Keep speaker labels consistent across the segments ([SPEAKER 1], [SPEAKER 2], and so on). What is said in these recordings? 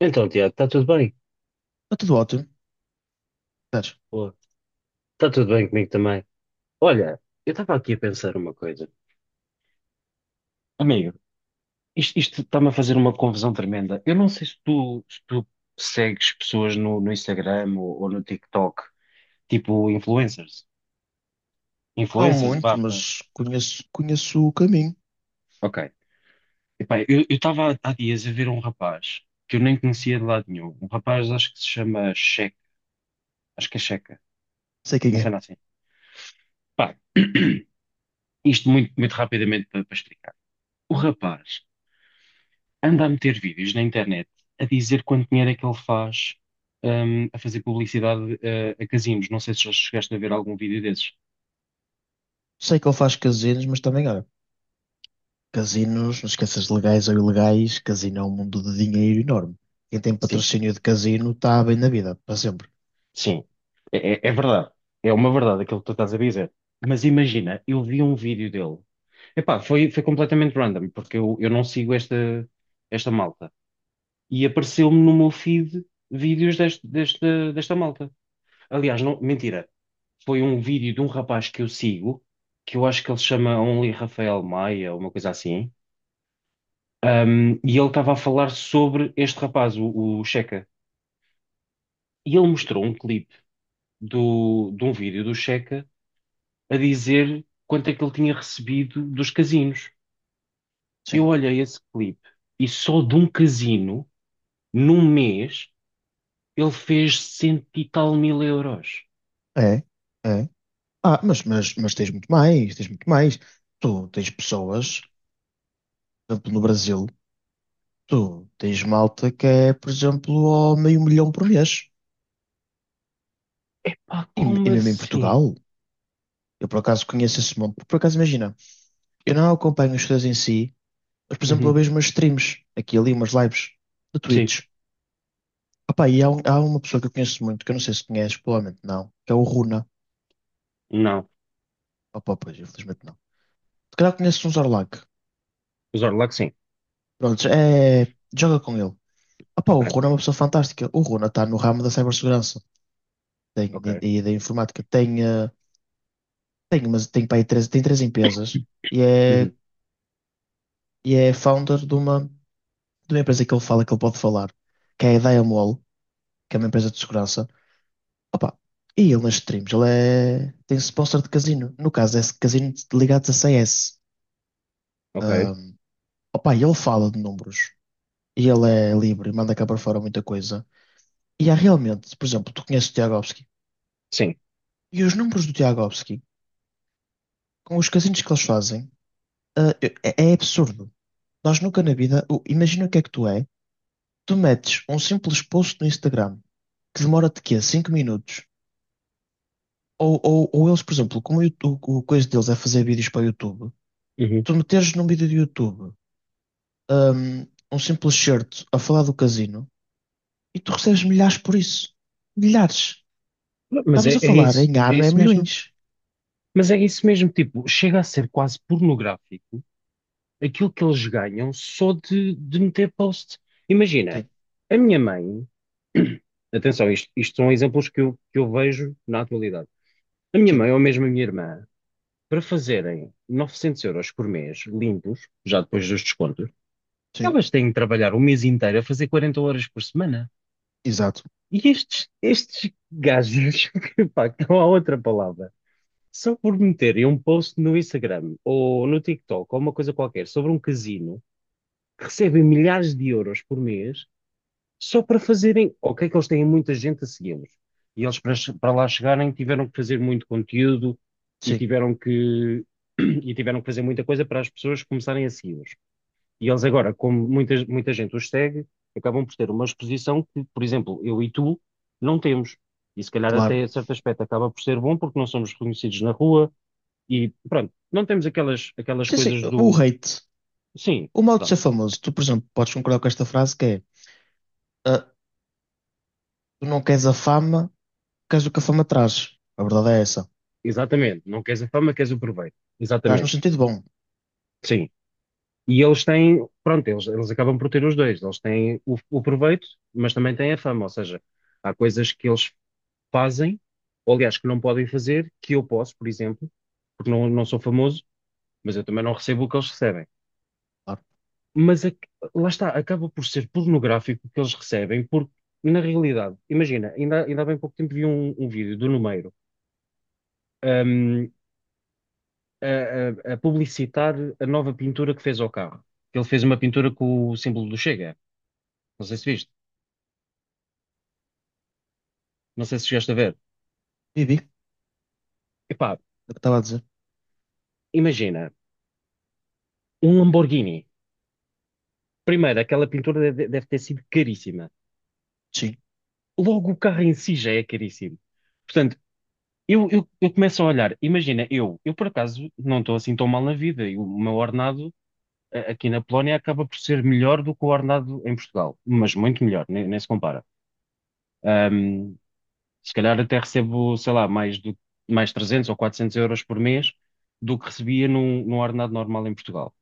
[SPEAKER 1] Então, Tiago, está tudo bem?
[SPEAKER 2] Está tudo ótimo. Espera.
[SPEAKER 1] Boa. Está tudo bem comigo também. Olha, eu estava aqui a pensar uma coisa. Amigo, isto está-me a fazer uma confusão tremenda. Eu não sei se tu segues pessoas no Instagram ou no TikTok, tipo influencers.
[SPEAKER 2] Não
[SPEAKER 1] Influencers
[SPEAKER 2] muito,
[SPEAKER 1] barra.
[SPEAKER 2] mas conheço o caminho.
[SPEAKER 1] Ok. Epá, eu estava há dias a ver um rapaz que eu nem conhecia de lado nenhum. Um rapaz, acho que se chama Checa. Acho que é Checa.
[SPEAKER 2] Sei quem
[SPEAKER 1] Mas
[SPEAKER 2] é.
[SPEAKER 1] cena assim. Pá, isto muito, muito rapidamente para explicar. O rapaz anda a meter vídeos na internet a dizer quanto dinheiro é que ele faz, a fazer publicidade, a casinos. Não sei se já chegaste a ver algum vídeo desses.
[SPEAKER 2] Sei que ele faz casinos, mas também, olha, casinos, não esqueças de legais ou ilegais, casino é um mundo de dinheiro enorme. Quem tem
[SPEAKER 1] Sim,
[SPEAKER 2] patrocínio de casino está bem na vida, para sempre.
[SPEAKER 1] sim. É verdade. É uma verdade aquilo que tu estás a dizer. Mas imagina, eu vi um vídeo dele. Epá, foi completamente random, porque eu não sigo esta malta. E apareceu-me no meu feed vídeos deste, desta desta malta. Aliás, não, mentira. Foi um vídeo de um rapaz que eu sigo, que eu acho que ele se chama Only Rafael Maia, uma coisa assim. E ele estava a falar sobre este rapaz, o Checa. E ele mostrou um clipe de um vídeo do Checa a dizer quanto é que ele tinha recebido dos casinos. Eu
[SPEAKER 2] Sim.
[SPEAKER 1] olhei esse clipe e só de um casino, num mês, ele fez cento e tal mil euros.
[SPEAKER 2] É, é. Ah, mas tens muito mais, tens muito mais. Tu tens pessoas, por exemplo, no Brasil, tu tens malta que é, por exemplo, ao meio milhão por mês.
[SPEAKER 1] Pá,
[SPEAKER 2] E
[SPEAKER 1] como
[SPEAKER 2] mesmo em
[SPEAKER 1] assim?
[SPEAKER 2] Portugal, eu por acaso conheço esse mundo, por acaso imagina. Eu não acompanho os shows em si, mas, por exemplo, eu
[SPEAKER 1] Uhum.
[SPEAKER 2] vejo umas streams, aqui e ali, umas lives de
[SPEAKER 1] Sim,
[SPEAKER 2] Twitch. Opá, e há uma pessoa que eu conheço muito, que eu não sei se conheces, provavelmente não, que é o Runa.
[SPEAKER 1] não.
[SPEAKER 2] Opá, pois, infelizmente não. Se calhar conheces um Zorlac.
[SPEAKER 1] Os Orlac, sim.
[SPEAKER 2] Pronto, joga com ele. Opá, o
[SPEAKER 1] Ok,
[SPEAKER 2] Runa é uma pessoa fantástica. O Runa está no ramo da cibersegurança, tem,
[SPEAKER 1] ok.
[SPEAKER 2] e da informática. Tem, tem, umas, tem, pá, aí três, tem três empresas e
[SPEAKER 1] Uhum,
[SPEAKER 2] é founder de uma, empresa que ele fala, que ele pode falar, que é a Diamol, que é uma empresa de segurança. Opa, e ele nas streams, ele tem sponsor de casino. No caso, é casino ligados a CS.
[SPEAKER 1] ok.
[SPEAKER 2] Ahm, opa, e ele fala de números. E ele é livre e manda cá para fora muita coisa. E há realmente, por exemplo, tu conheces o Tiagovski.
[SPEAKER 1] Sim.
[SPEAKER 2] E os números do Tiagovski, com os casinos que eles fazem, ah, é absurdo. Nós nunca na vida, imagina o que é que tu é. Tu metes um simples post no Instagram que demora-te quê? Cinco minutos. Ou eles, por exemplo, como o coisa deles é fazer vídeos para o YouTube,
[SPEAKER 1] Uhum.
[SPEAKER 2] tu meteres num vídeo do YouTube um, um simples certo a falar do casino e tu recebes milhares por isso. Milhares.
[SPEAKER 1] Mas
[SPEAKER 2] Estamos
[SPEAKER 1] é,
[SPEAKER 2] a
[SPEAKER 1] é
[SPEAKER 2] falar
[SPEAKER 1] isso,
[SPEAKER 2] em
[SPEAKER 1] é
[SPEAKER 2] ano é
[SPEAKER 1] isso mesmo.
[SPEAKER 2] milhões.
[SPEAKER 1] Mas é isso mesmo, tipo, chega a ser quase pornográfico aquilo que eles ganham só de meter post. Imagina,
[SPEAKER 2] Sim,
[SPEAKER 1] a minha mãe, atenção, isto são exemplos que eu vejo na atualidade. A minha
[SPEAKER 2] sim,
[SPEAKER 1] mãe ou mesmo a minha irmã, para fazerem 900 € por mês, limpos, já depois dos descontos,
[SPEAKER 2] sim.
[SPEAKER 1] elas têm de trabalhar o mês inteiro a fazer 40 horas por semana.
[SPEAKER 2] Exato.
[SPEAKER 1] E estes gajos, pá, não há outra palavra. Se eu por meterem um post no Instagram ou no TikTok ou uma coisa qualquer sobre um casino, recebem milhares de euros por mês só para fazerem. Ok, que eles têm muita gente a segui-los. E eles, para, para lá chegarem, tiveram que fazer muito conteúdo e
[SPEAKER 2] Sim,
[SPEAKER 1] tiveram que, e tiveram que fazer muita coisa para as pessoas começarem a segui-los. E eles agora, como muita gente os segue, acabam por ter uma exposição que, por exemplo, eu e tu não temos. E se calhar
[SPEAKER 2] claro.
[SPEAKER 1] até a certo aspecto acaba por ser bom porque não somos reconhecidos na rua e pronto, não temos aquelas
[SPEAKER 2] Sim, sim.
[SPEAKER 1] coisas
[SPEAKER 2] O
[SPEAKER 1] do.
[SPEAKER 2] hate,
[SPEAKER 1] Sim,
[SPEAKER 2] o modo de
[SPEAKER 1] pronto,
[SPEAKER 2] ser famoso, tu, por exemplo, podes concordar com esta frase que é ah, tu não queres a fama, queres o que a fama traz. A verdade é essa.
[SPEAKER 1] exatamente. Não queres a fama, queres o proveito.
[SPEAKER 2] Traz no
[SPEAKER 1] Exatamente,
[SPEAKER 2] sentido bom.
[SPEAKER 1] sim. E eles têm, pronto, eles acabam por ter os dois. Eles têm o proveito, mas também têm a fama. Ou seja, há coisas que eles fazem, ou aliás, que não podem fazer, que eu posso, por exemplo, porque não sou famoso, mas eu também não recebo o que eles recebem.
[SPEAKER 2] Claro.
[SPEAKER 1] Mas a- Lá está, acaba por ser pornográfico o que eles recebem, porque na realidade, imagina, ainda há bem pouco tempo vi um vídeo do Numeiro. um, a, a publicitar a nova pintura que fez ao carro. Ele fez uma pintura com o símbolo do Chega. Não sei se viste, não sei se chegaste a ver.
[SPEAKER 2] Vivi, é
[SPEAKER 1] Epá,
[SPEAKER 2] o que estava a dizer.
[SPEAKER 1] imagina, um Lamborghini. Primeiro, aquela deve ter sido caríssima.
[SPEAKER 2] Sim,
[SPEAKER 1] Logo, o carro em si já é caríssimo. Portanto, eu começo a olhar, imagina, eu por acaso não estou assim tão mal na vida e o meu ordenado aqui na Polónia acaba por ser melhor do que o ordenado em Portugal, mas muito melhor, nem se compara. Um, Se calhar até recebo, sei lá, mais 300 ou 400 € por mês do que recebia num ordenado normal em Portugal.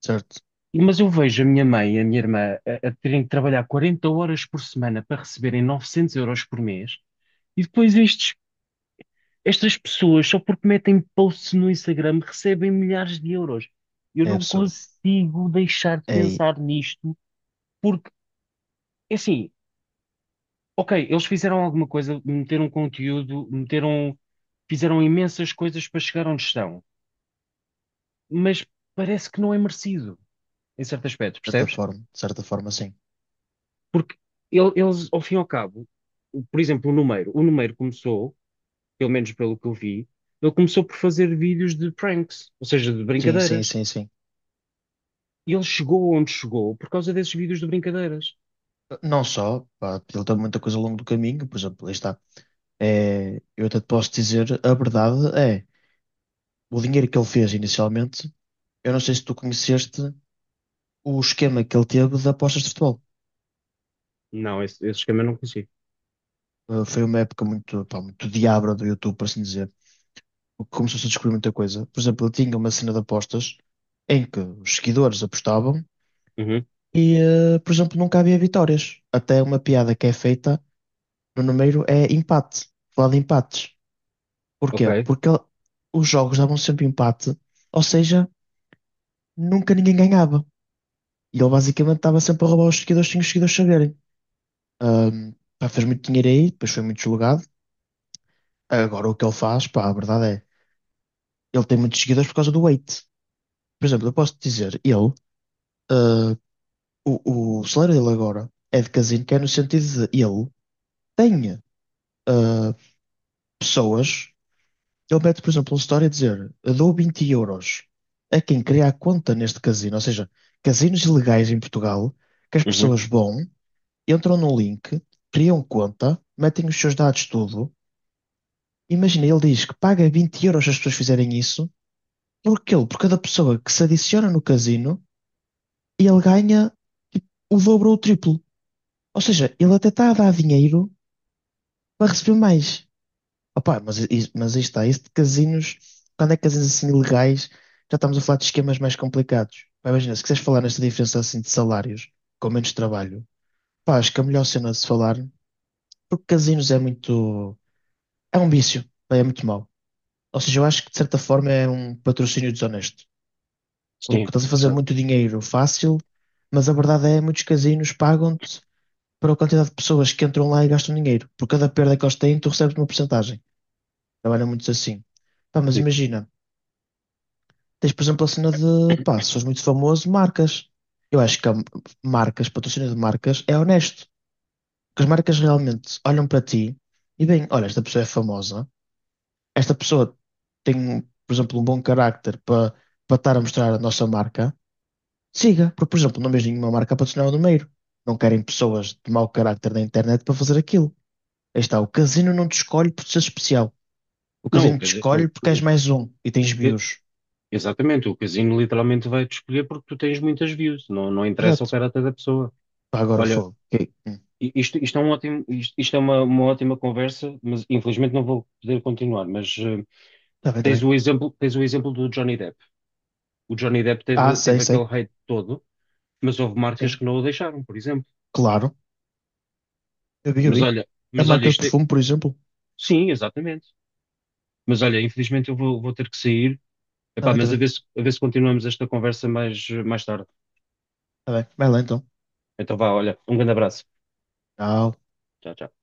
[SPEAKER 2] certo.
[SPEAKER 1] Mas eu vejo a minha mãe e a minha irmã a terem que trabalhar 40 horas por semana para receberem 900 € por mês e depois estas pessoas, só porque metem posts no Instagram, recebem milhares de euros. Eu
[SPEAKER 2] É
[SPEAKER 1] não
[SPEAKER 2] absurdo.
[SPEAKER 1] consigo deixar de
[SPEAKER 2] É aí,
[SPEAKER 1] pensar nisto porque, é assim, ok, eles fizeram alguma coisa, meteram conteúdo, fizeram imensas coisas para chegar onde estão, mas parece que não é merecido, em certo aspecto, percebes?
[SPEAKER 2] de certa forma, sim.
[SPEAKER 1] Porque eles, ao fim e ao cabo, por exemplo, o Numeiro começou, pelo menos pelo que eu vi, ele começou por fazer vídeos de pranks, ou seja, de
[SPEAKER 2] Sim, sim,
[SPEAKER 1] brincadeiras.
[SPEAKER 2] sim, sim.
[SPEAKER 1] E ele chegou onde chegou por causa desses vídeos de brincadeiras.
[SPEAKER 2] Não só, pá, ele tem muita coisa ao longo do caminho, por exemplo, aí está. É, eu até te posso dizer, a verdade é, o dinheiro que ele fez inicialmente, eu não sei se tu conheceste o esquema que ele teve de apostas de futebol.
[SPEAKER 1] Não, esse esquema eu não consigo.
[SPEAKER 2] Foi uma época muito, pá, muito diabra do YouTube, por assim dizer, porque começou-se a descobrir muita coisa. Por exemplo, ele tinha uma cena de apostas em que os seguidores apostavam
[SPEAKER 1] Uhum,
[SPEAKER 2] e, por exemplo, nunca havia vitórias. Até uma piada que é feita no número é empate, falar de empates. Porquê?
[SPEAKER 1] ok,
[SPEAKER 2] Porque os jogos davam sempre empate, ou seja, nunca ninguém ganhava. E ele basicamente estava sempre a roubar os seguidores sem os seguidores saberem. Ahm, pá, fez muito dinheiro aí, depois foi muito julgado. Agora o que ele faz, pá, a verdade é, ele tem muitos seguidores por causa do weight. Por exemplo, eu posso dizer, ele, ah, o salário dele agora é de casino, que é no sentido de ele tem, ah, pessoas. Ele mete, por exemplo, uma história a dizer: dou 20 euros a quem cria a conta neste casino, ou seja, casinos ilegais em Portugal, que as
[SPEAKER 1] uhum,
[SPEAKER 2] pessoas vão, entram no link, criam conta, metem os seus dados tudo. Imagina, ele diz que paga 20 euros se as pessoas fizerem isso, porque ele, por cada pessoa que se adiciona no casino, ele ganha, tipo, o dobro ou o triplo. Ou seja, ele até está a dar dinheiro para receber mais. Opa, mas, mas aí está, isso de casinos, quando é casinos assim ilegais, já estamos a falar de esquemas mais complicados. Pá, imagina, se quiseres falar nesta diferença assim de salários, com menos trabalho, pá, acho que é a melhor cena de se falar, porque casinos é muito, é um vício, pá, é muito mau. Ou seja, eu acho que de certa forma é um patrocínio desonesto, porque
[SPEAKER 1] sim,
[SPEAKER 2] estás a fazer
[SPEAKER 1] percebo,
[SPEAKER 2] muito dinheiro fácil, mas a verdade é, que muitos casinos pagam-te para a quantidade de pessoas que entram lá e gastam dinheiro. Por cada perda que eles têm, tu recebes uma porcentagem. Trabalham muito assim. Pá, mas
[SPEAKER 1] sim.
[SPEAKER 2] imagina. Tens, por exemplo, a cena de, pá, se fores muito famoso, marcas. Eu acho que marcas, patrocínio de marcas, é honesto. Porque as marcas realmente olham para ti e bem, olha, esta pessoa é famosa, esta pessoa tem, por exemplo, um bom carácter para estar a mostrar a nossa marca. Siga, porque, por exemplo, não vejo nenhuma marca a patrocinar o Numeiro. Não querem pessoas de mau carácter na internet para fazer aquilo. Aí está, o casino não te escolhe por ser especial. O
[SPEAKER 1] Não,
[SPEAKER 2] casino
[SPEAKER 1] quer
[SPEAKER 2] te
[SPEAKER 1] dizer,
[SPEAKER 2] escolhe porque és mais um e tens views.
[SPEAKER 1] exatamente, o casino literalmente vai-te escolher porque tu tens muitas views, não interessa o
[SPEAKER 2] Exato.
[SPEAKER 1] caráter da pessoa.
[SPEAKER 2] Pá, agora o
[SPEAKER 1] Olha,
[SPEAKER 2] fogo. Ok. Hum.
[SPEAKER 1] isto, isto, isto é uma ótima conversa, mas infelizmente não vou poder continuar. Mas
[SPEAKER 2] Tá bem, tá bem.
[SPEAKER 1] tens o exemplo do Johnny Depp. O Johnny Depp
[SPEAKER 2] Ah, sei,
[SPEAKER 1] teve aquele
[SPEAKER 2] sei.
[SPEAKER 1] hate todo, mas houve marcas
[SPEAKER 2] Sim,
[SPEAKER 1] que não o deixaram, por exemplo.
[SPEAKER 2] claro. Eu vi, eu
[SPEAKER 1] Mas
[SPEAKER 2] vi.
[SPEAKER 1] olha,
[SPEAKER 2] A
[SPEAKER 1] mas olha,
[SPEAKER 2] marca de
[SPEAKER 1] isto é...
[SPEAKER 2] perfume, por exemplo.
[SPEAKER 1] Sim, exatamente. Mas olha, infelizmente eu vou ter que sair.
[SPEAKER 2] Está
[SPEAKER 1] Epá,
[SPEAKER 2] bem, está
[SPEAKER 1] mas
[SPEAKER 2] bem.
[SPEAKER 1] a ver se continuamos esta conversa mais tarde.
[SPEAKER 2] Está bem. Vai lá então.
[SPEAKER 1] Então vá, olha, um grande abraço.
[SPEAKER 2] Tchau.
[SPEAKER 1] Tchau, tchau.